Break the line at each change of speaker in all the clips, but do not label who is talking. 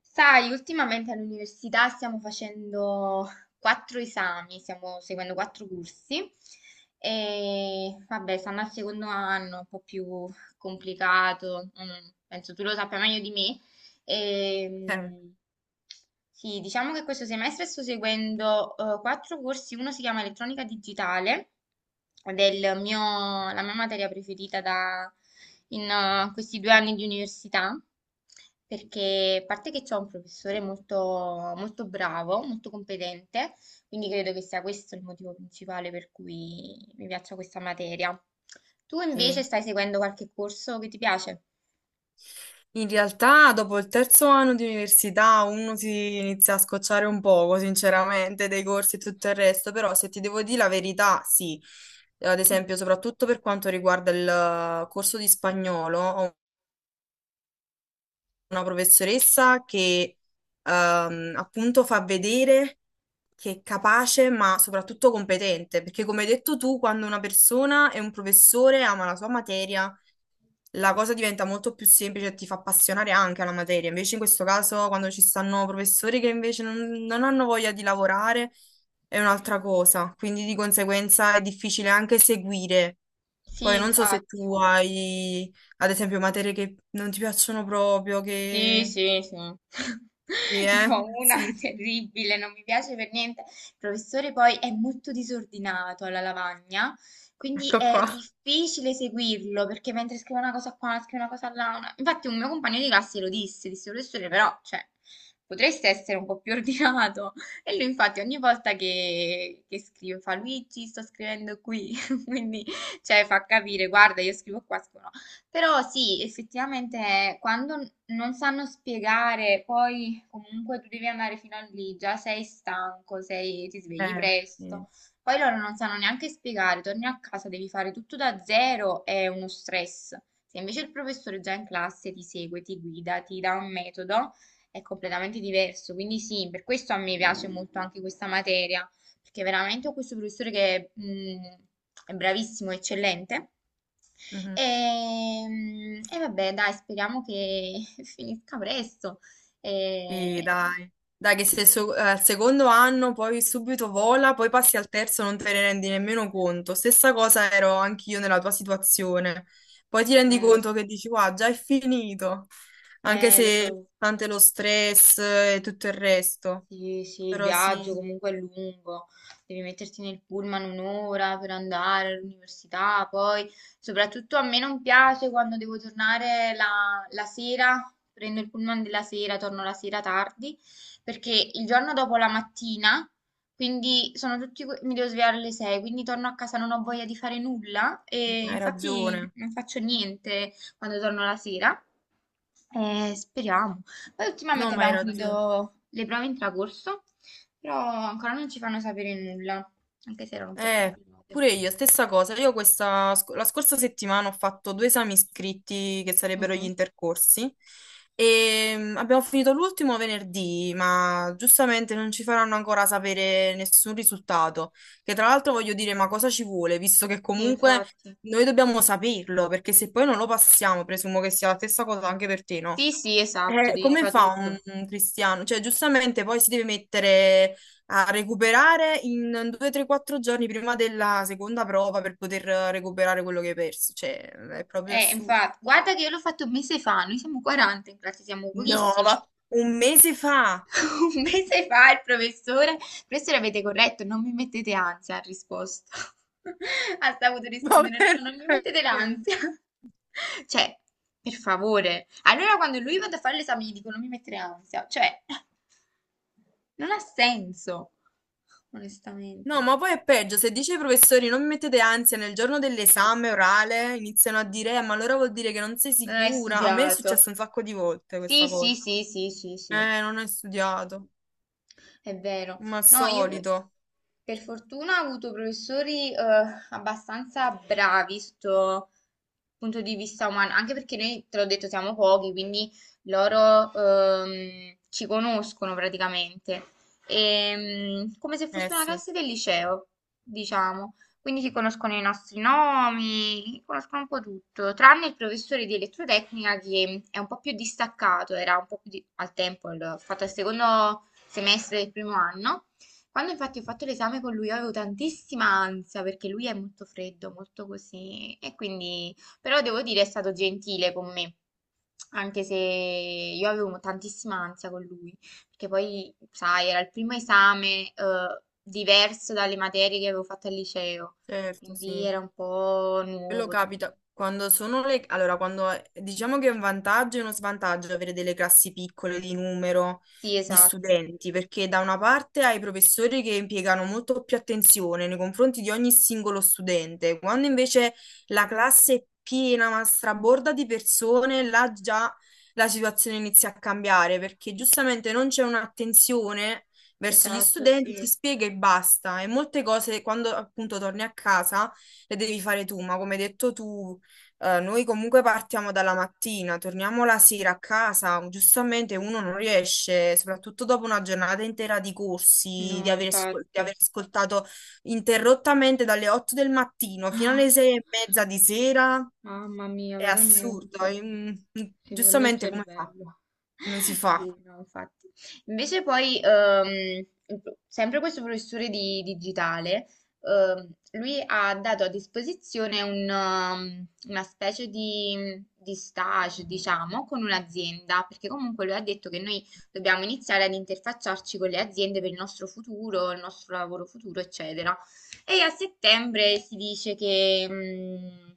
Sai, ultimamente all'università stiamo facendo quattro esami, stiamo seguendo quattro corsi e vabbè, stanno al secondo anno, un po' più complicato, mm, penso tu lo sappia meglio di me.
Eh,
Ehm, sì, diciamo che questo semestre sto seguendo quattro corsi, uno si chiama Elettronica Digitale, la mia materia preferita in questi due anni di università, perché a parte che ho un professore molto, molto bravo, molto competente, quindi credo che sia questo il motivo principale per cui mi piaccia questa materia. Tu
sì.
invece stai seguendo qualche corso che ti piace?
In realtà dopo il terzo anno di università uno si inizia a scocciare un poco, sinceramente, dei corsi e tutto il resto, però se ti devo dire la verità, sì. Ad
Mm.
esempio, soprattutto per quanto riguarda il corso di spagnolo, ho una professoressa che appunto fa vedere che è capace, ma soprattutto competente, perché come hai detto tu, quando una persona e un professore ama la sua materia, la cosa diventa molto più semplice e ti fa appassionare anche alla materia. Invece in questo caso, quando ci stanno professori che invece non hanno voglia di lavorare, è un'altra cosa. Quindi di conseguenza è difficile anche seguire.
Sì,
Poi non so se tu
infatti.
hai, ad esempio, materie che non ti piacciono proprio,
Sì,
che...
sì, sì.
Sì,
Ne
eh?
ho una
Sì,
terribile, non mi piace per niente. Il professore poi è molto disordinato alla lavagna, quindi
ecco
è
qua.
difficile seguirlo perché mentre scrive una cosa qua, scrive una cosa là. Infatti un mio compagno di classe lo disse, disse professore, però, cioè, potreste essere un po' più ordinato. E lui infatti ogni volta che scrive fa Luigi, sto scrivendo qui, quindi cioè, fa capire, guarda, io scrivo qua, scrivo però sì, effettivamente quando non sanno spiegare, poi comunque tu devi andare fino a lì, già sei stanco, sei- ti svegli
Sì.
presto, poi loro non sanno neanche spiegare, torni a casa, devi fare tutto da zero, è uno stress. Se invece il professore già in classe ti segue, ti guida, ti dà un metodo, è completamente diverso. Quindi sì, per questo a me piace molto anche questa materia, perché veramente ho questo professore che è bravissimo, eccellente.
Mhm.
E, e vabbè, dai, speriamo che finisca presto.
Sì,
E-
dai. Dai, che se so- al secondo anno poi subito vola, poi passi al terzo, non te ne rendi nemmeno conto. Stessa cosa ero anch'io nella tua situazione. Poi ti rendi
lo
conto
so,
che dici, qua, già è finito. Anche
lo
se
so.
tante lo stress e tutto il resto.
Sì, sì, il
Però
viaggio
sì,
comunque è lungo, devi metterti nel pullman un'ora per andare all'università, poi soprattutto a me non piace quando devo tornare la sera, prendo il pullman della sera, torno la sera tardi, perché il giorno dopo la mattina, quindi sono tutti, que- mi devo svegliare alle 6, quindi torno a casa non ho voglia di fare nulla e
hai
infatti
ragione.
non faccio niente quando torno la sera. Speriamo. Poi
No,
ultimamente
ma hai
abbiamo
ragione.
finito le prove in tracorso, però ancora non ci fanno sapere nulla, anche se erano un po'
Eh,
complicate.
pure io, stessa cosa. Io questa, la scorsa settimana ho fatto due esami scritti che sarebbero gli
Mhm.
intercorsi e abbiamo finito l'ultimo venerdì, ma giustamente non ci faranno ancora sapere nessun risultato. Che tra l'altro voglio dire, ma cosa ci vuole, visto che
Sì,
comunque
infatti.
noi dobbiamo saperlo, perché se poi non lo passiamo, presumo che sia la stessa cosa anche per te, no?
Sì, sì, esatto, devi
Come
rifare
fa un,
tutto.
un cristiano? Cioè, giustamente poi si deve mettere a recuperare in 2, 3, 4 giorni prima della seconda prova per poter recuperare quello che hai perso. Cioè, è proprio assurdo.
Infatti, guarda che io l'ho fatto un mese fa, noi siamo 40 in classe, siamo
No, ma
pochissimi.
un mese fa!
Un mese fa il professore, professore avete corretto, non mi mettete ansia, ha risposto. Ha saputo
Ma
rispondere, no, non mi
veramente?
mettete l'ansia. Cioè, per favore. Allora quando lui vado a fare l'esame gli dico non mi mettere ansia. Cioè, non ha senso,
No,
onestamente.
ma poi è peggio. Se dice ai professori non mi mettete ansia nel giorno dell'esame orale, iniziano a dire, ma allora vuol dire che non sei
Non hai
sicura. A me è
studiato.
successo un sacco di volte
Sì,
questa
sì,
cosa.
sì, sì, sì, sì.
Non hai studiato,
È vero.
ma al
No,
solito.
per fortuna ho avuto professori abbastanza bravi sotto punto di vista umano, anche perché noi, te l'ho detto, siamo pochi, quindi loro ci conoscono praticamente. E, mm, come se
Eh
fosse una
sì,
classe del liceo, diciamo. Quindi si conoscono i nostri nomi, conoscono un po' tutto, tranne il professore di elettrotecnica che è un po' più distaccato, era un po' più di- al tempo, il- ho fatto il secondo semestre del primo anno. Quando infatti ho fatto l'esame con lui io avevo tantissima ansia perché lui è molto freddo, molto così e quindi però devo dire è stato gentile con me, anche se io avevo tantissima ansia con lui, perché poi sai, era il primo esame diverso dalle materie che avevo fatto al liceo,
certo,
quindi
sì.
era un po'
Quello
nuovo tutto.
capita quando sono le... Allora, quando diciamo che è un vantaggio e uno svantaggio avere delle classi piccole di numero
Sì,
di
esatto.
studenti, perché da una parte hai i professori che impiegano molto più attenzione nei confronti di ogni singolo studente, quando invece la classe è piena, ma straborda di persone, là già la situazione inizia a cambiare, perché giustamente non c'è un'attenzione verso gli
Esatto,
studenti,
sì.
ti spiega e basta. E molte cose, quando appunto torni a casa le devi fare tu, ma come hai detto tu, noi comunque partiamo dalla mattina, torniamo la sera a casa, giustamente uno non riesce, soprattutto dopo una giornata intera di corsi, di
No,
aver, di
infatti.
aver ascoltato interrottamente dalle 8 del mattino fino alle 6 e mezza di sera,
Mamma mia,
è assurdo,
veramente. Si vuole il
giustamente come fa?
cervello.
Come si fa?
Sì, no, infatti. Invece poi, sempre questo professore di digitale, ehm, lui ha dato a disposizione una specie di stage, diciamo, con un'azienda, perché comunque lui ha detto che noi dobbiamo iniziare ad interfacciarci con le aziende per il nostro futuro, il nostro lavoro futuro, eccetera. E a settembre si dice che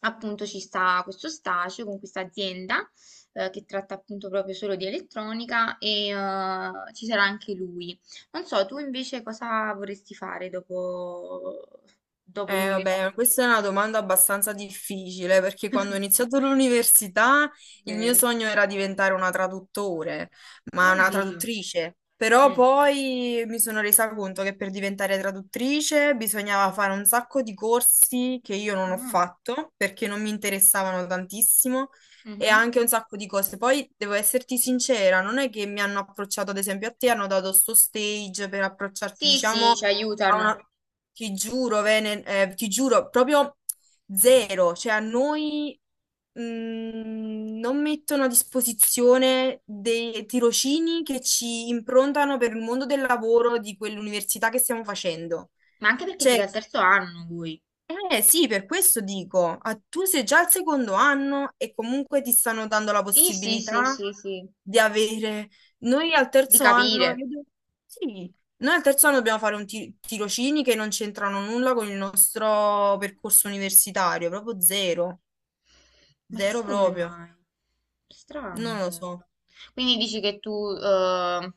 appunto ci sta questo stagio con questa azienda che tratta appunto proprio solo di elettronica e ci sarà anche lui. Non so, tu invece cosa vorresti fare dopo, dopo l'università?
Vabbè, questa è una domanda abbastanza difficile perché quando ho iniziato l'università il mio
Vero.
sogno era diventare una traduttore, ma una
Oddio.
traduttrice. Però
Mm.
poi mi sono resa conto che per diventare traduttrice bisognava fare un sacco di corsi che io non ho
Ah,
fatto perché non mi interessavano tantissimo e
mhm.
anche un sacco di cose. Poi devo esserti sincera, non è che mi hanno approcciato, ad esempio, a te hanno dato sto stage per approcciarti,
Sì, sì,
diciamo,
ci
a
aiutano.
una. Ti giuro, Vene, ti giuro, proprio zero. Cioè, a noi non mettono a disposizione dei tirocini che ci improntano per il mondo del lavoro di quell'università che stiamo facendo.
Ma anche perché siete
Cioè,
al terzo anno voi.
eh sì, per questo dico, ah, tu sei già al secondo anno e comunque ti stanno dando la
Sì, sì, sì,
possibilità
sì, sì.
di avere... Noi al
Di
terzo anno,
capire.
sì, noi al terzo anno dobbiamo fare un tirocini che non c'entrano nulla con il nostro percorso universitario, proprio zero,
Ma
zero
chissà come
proprio,
mai. Strano
non lo so.
proprio. Quindi dici che tu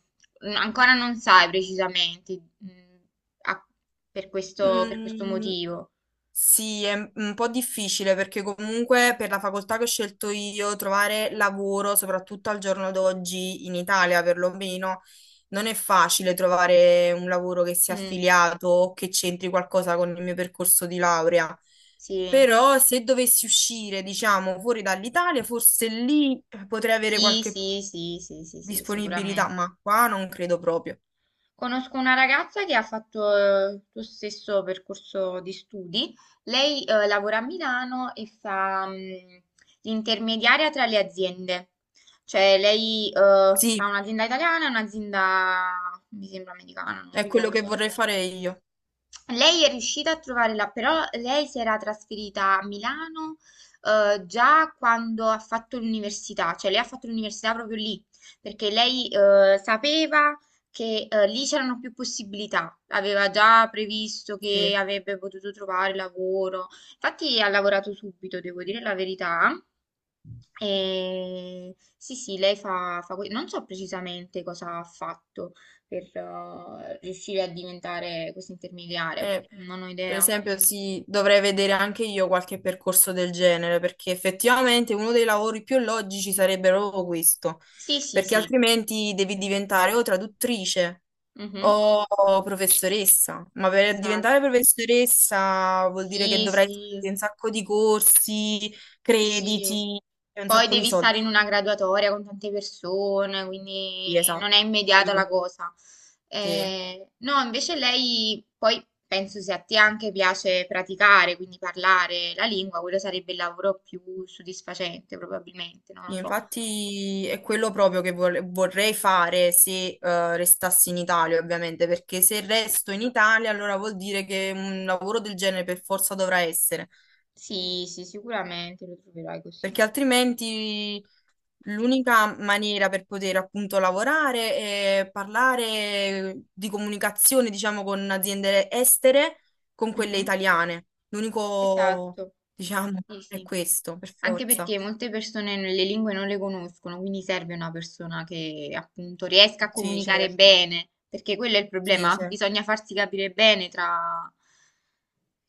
ancora non sai precisamente mm, a- per questo
Mm,
motivo.
sì, è un po' difficile perché comunque per la facoltà che ho scelto io trovare lavoro, soprattutto al giorno d'oggi in Italia perlomeno, non è facile trovare un lavoro che sia
Mm,
affiliato o che c'entri qualcosa con il mio percorso di laurea.
sì.
Però se dovessi uscire, diciamo, fuori dall'Italia, forse lì potrei avere
Sì,
qualche
sì, sì, sì, sì, sì,
disponibilità,
sicuramente.
ma qua non credo proprio.
Conosco una ragazza che ha fatto il tuo stesso percorso di studi. Lei lavora a Milano e fa l'intermediaria tra le aziende. Cioè lei tra
Sì,
un'azienda italiana e un'azienda, mi sembra americana, non
è quello che
ricordo.
vorrei fare io.
Lei è riuscita a trovare la, però lei si era trasferita a Milano già quando ha fatto l'università, cioè lei ha fatto l'università proprio lì, perché lei sapeva che lì c'erano più possibilità, aveva già previsto che
Sì.
avrebbe potuto trovare lavoro, infatti ha lavorato subito, devo dire la verità, e sì, sì, lei fa, non so precisamente cosa ha fatto per riuscire a diventare questo intermediario,
Eh,
non ho
per
idea.
esempio, sì, dovrei vedere anche io qualche percorso del genere, perché effettivamente uno dei lavori più logici sarebbe proprio questo,
Sì, sì,
perché
sì,
altrimenti devi diventare o traduttrice
mhm.
o professoressa, ma per
Esatto.
diventare professoressa vuol dire che
Sì,
dovrai
sì.
fare un sacco di corsi,
Sì,
crediti e un
poi
sacco di
devi
soldi,
stare in una graduatoria con tante persone, quindi non è
esatto. Sì,
immediata la cosa.
sì.
No, invece lei poi penso se a te anche piace praticare, quindi parlare la lingua, quello sarebbe il lavoro più soddisfacente probabilmente, non lo so.
Infatti è quello proprio che vorrei fare se restassi in Italia, ovviamente, perché se resto in Italia allora vuol dire che un lavoro del genere per forza dovrà essere,
Sì, sì, sicuramente lo troverai così.
perché altrimenti l'unica maniera per poter appunto lavorare è parlare di comunicazione, diciamo, con aziende estere, con quelle
Mhm.
italiane. L'unico,
Esatto,
diciamo,
sì,
è
sì.
questo, per
Anche
forza.
perché molte persone le lingue non le conoscono, quindi serve una persona che appunto riesca a
Sì,
comunicare
certo.
bene, perché quello è il
Sì,
problema,
certo.
bisogna farsi capire bene tra...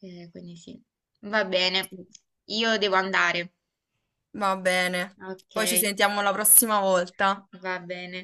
quindi sì, va bene,
Sì.
io devo andare.
Va bene.
Ok,
Poi ci sentiamo la prossima volta.
va bene.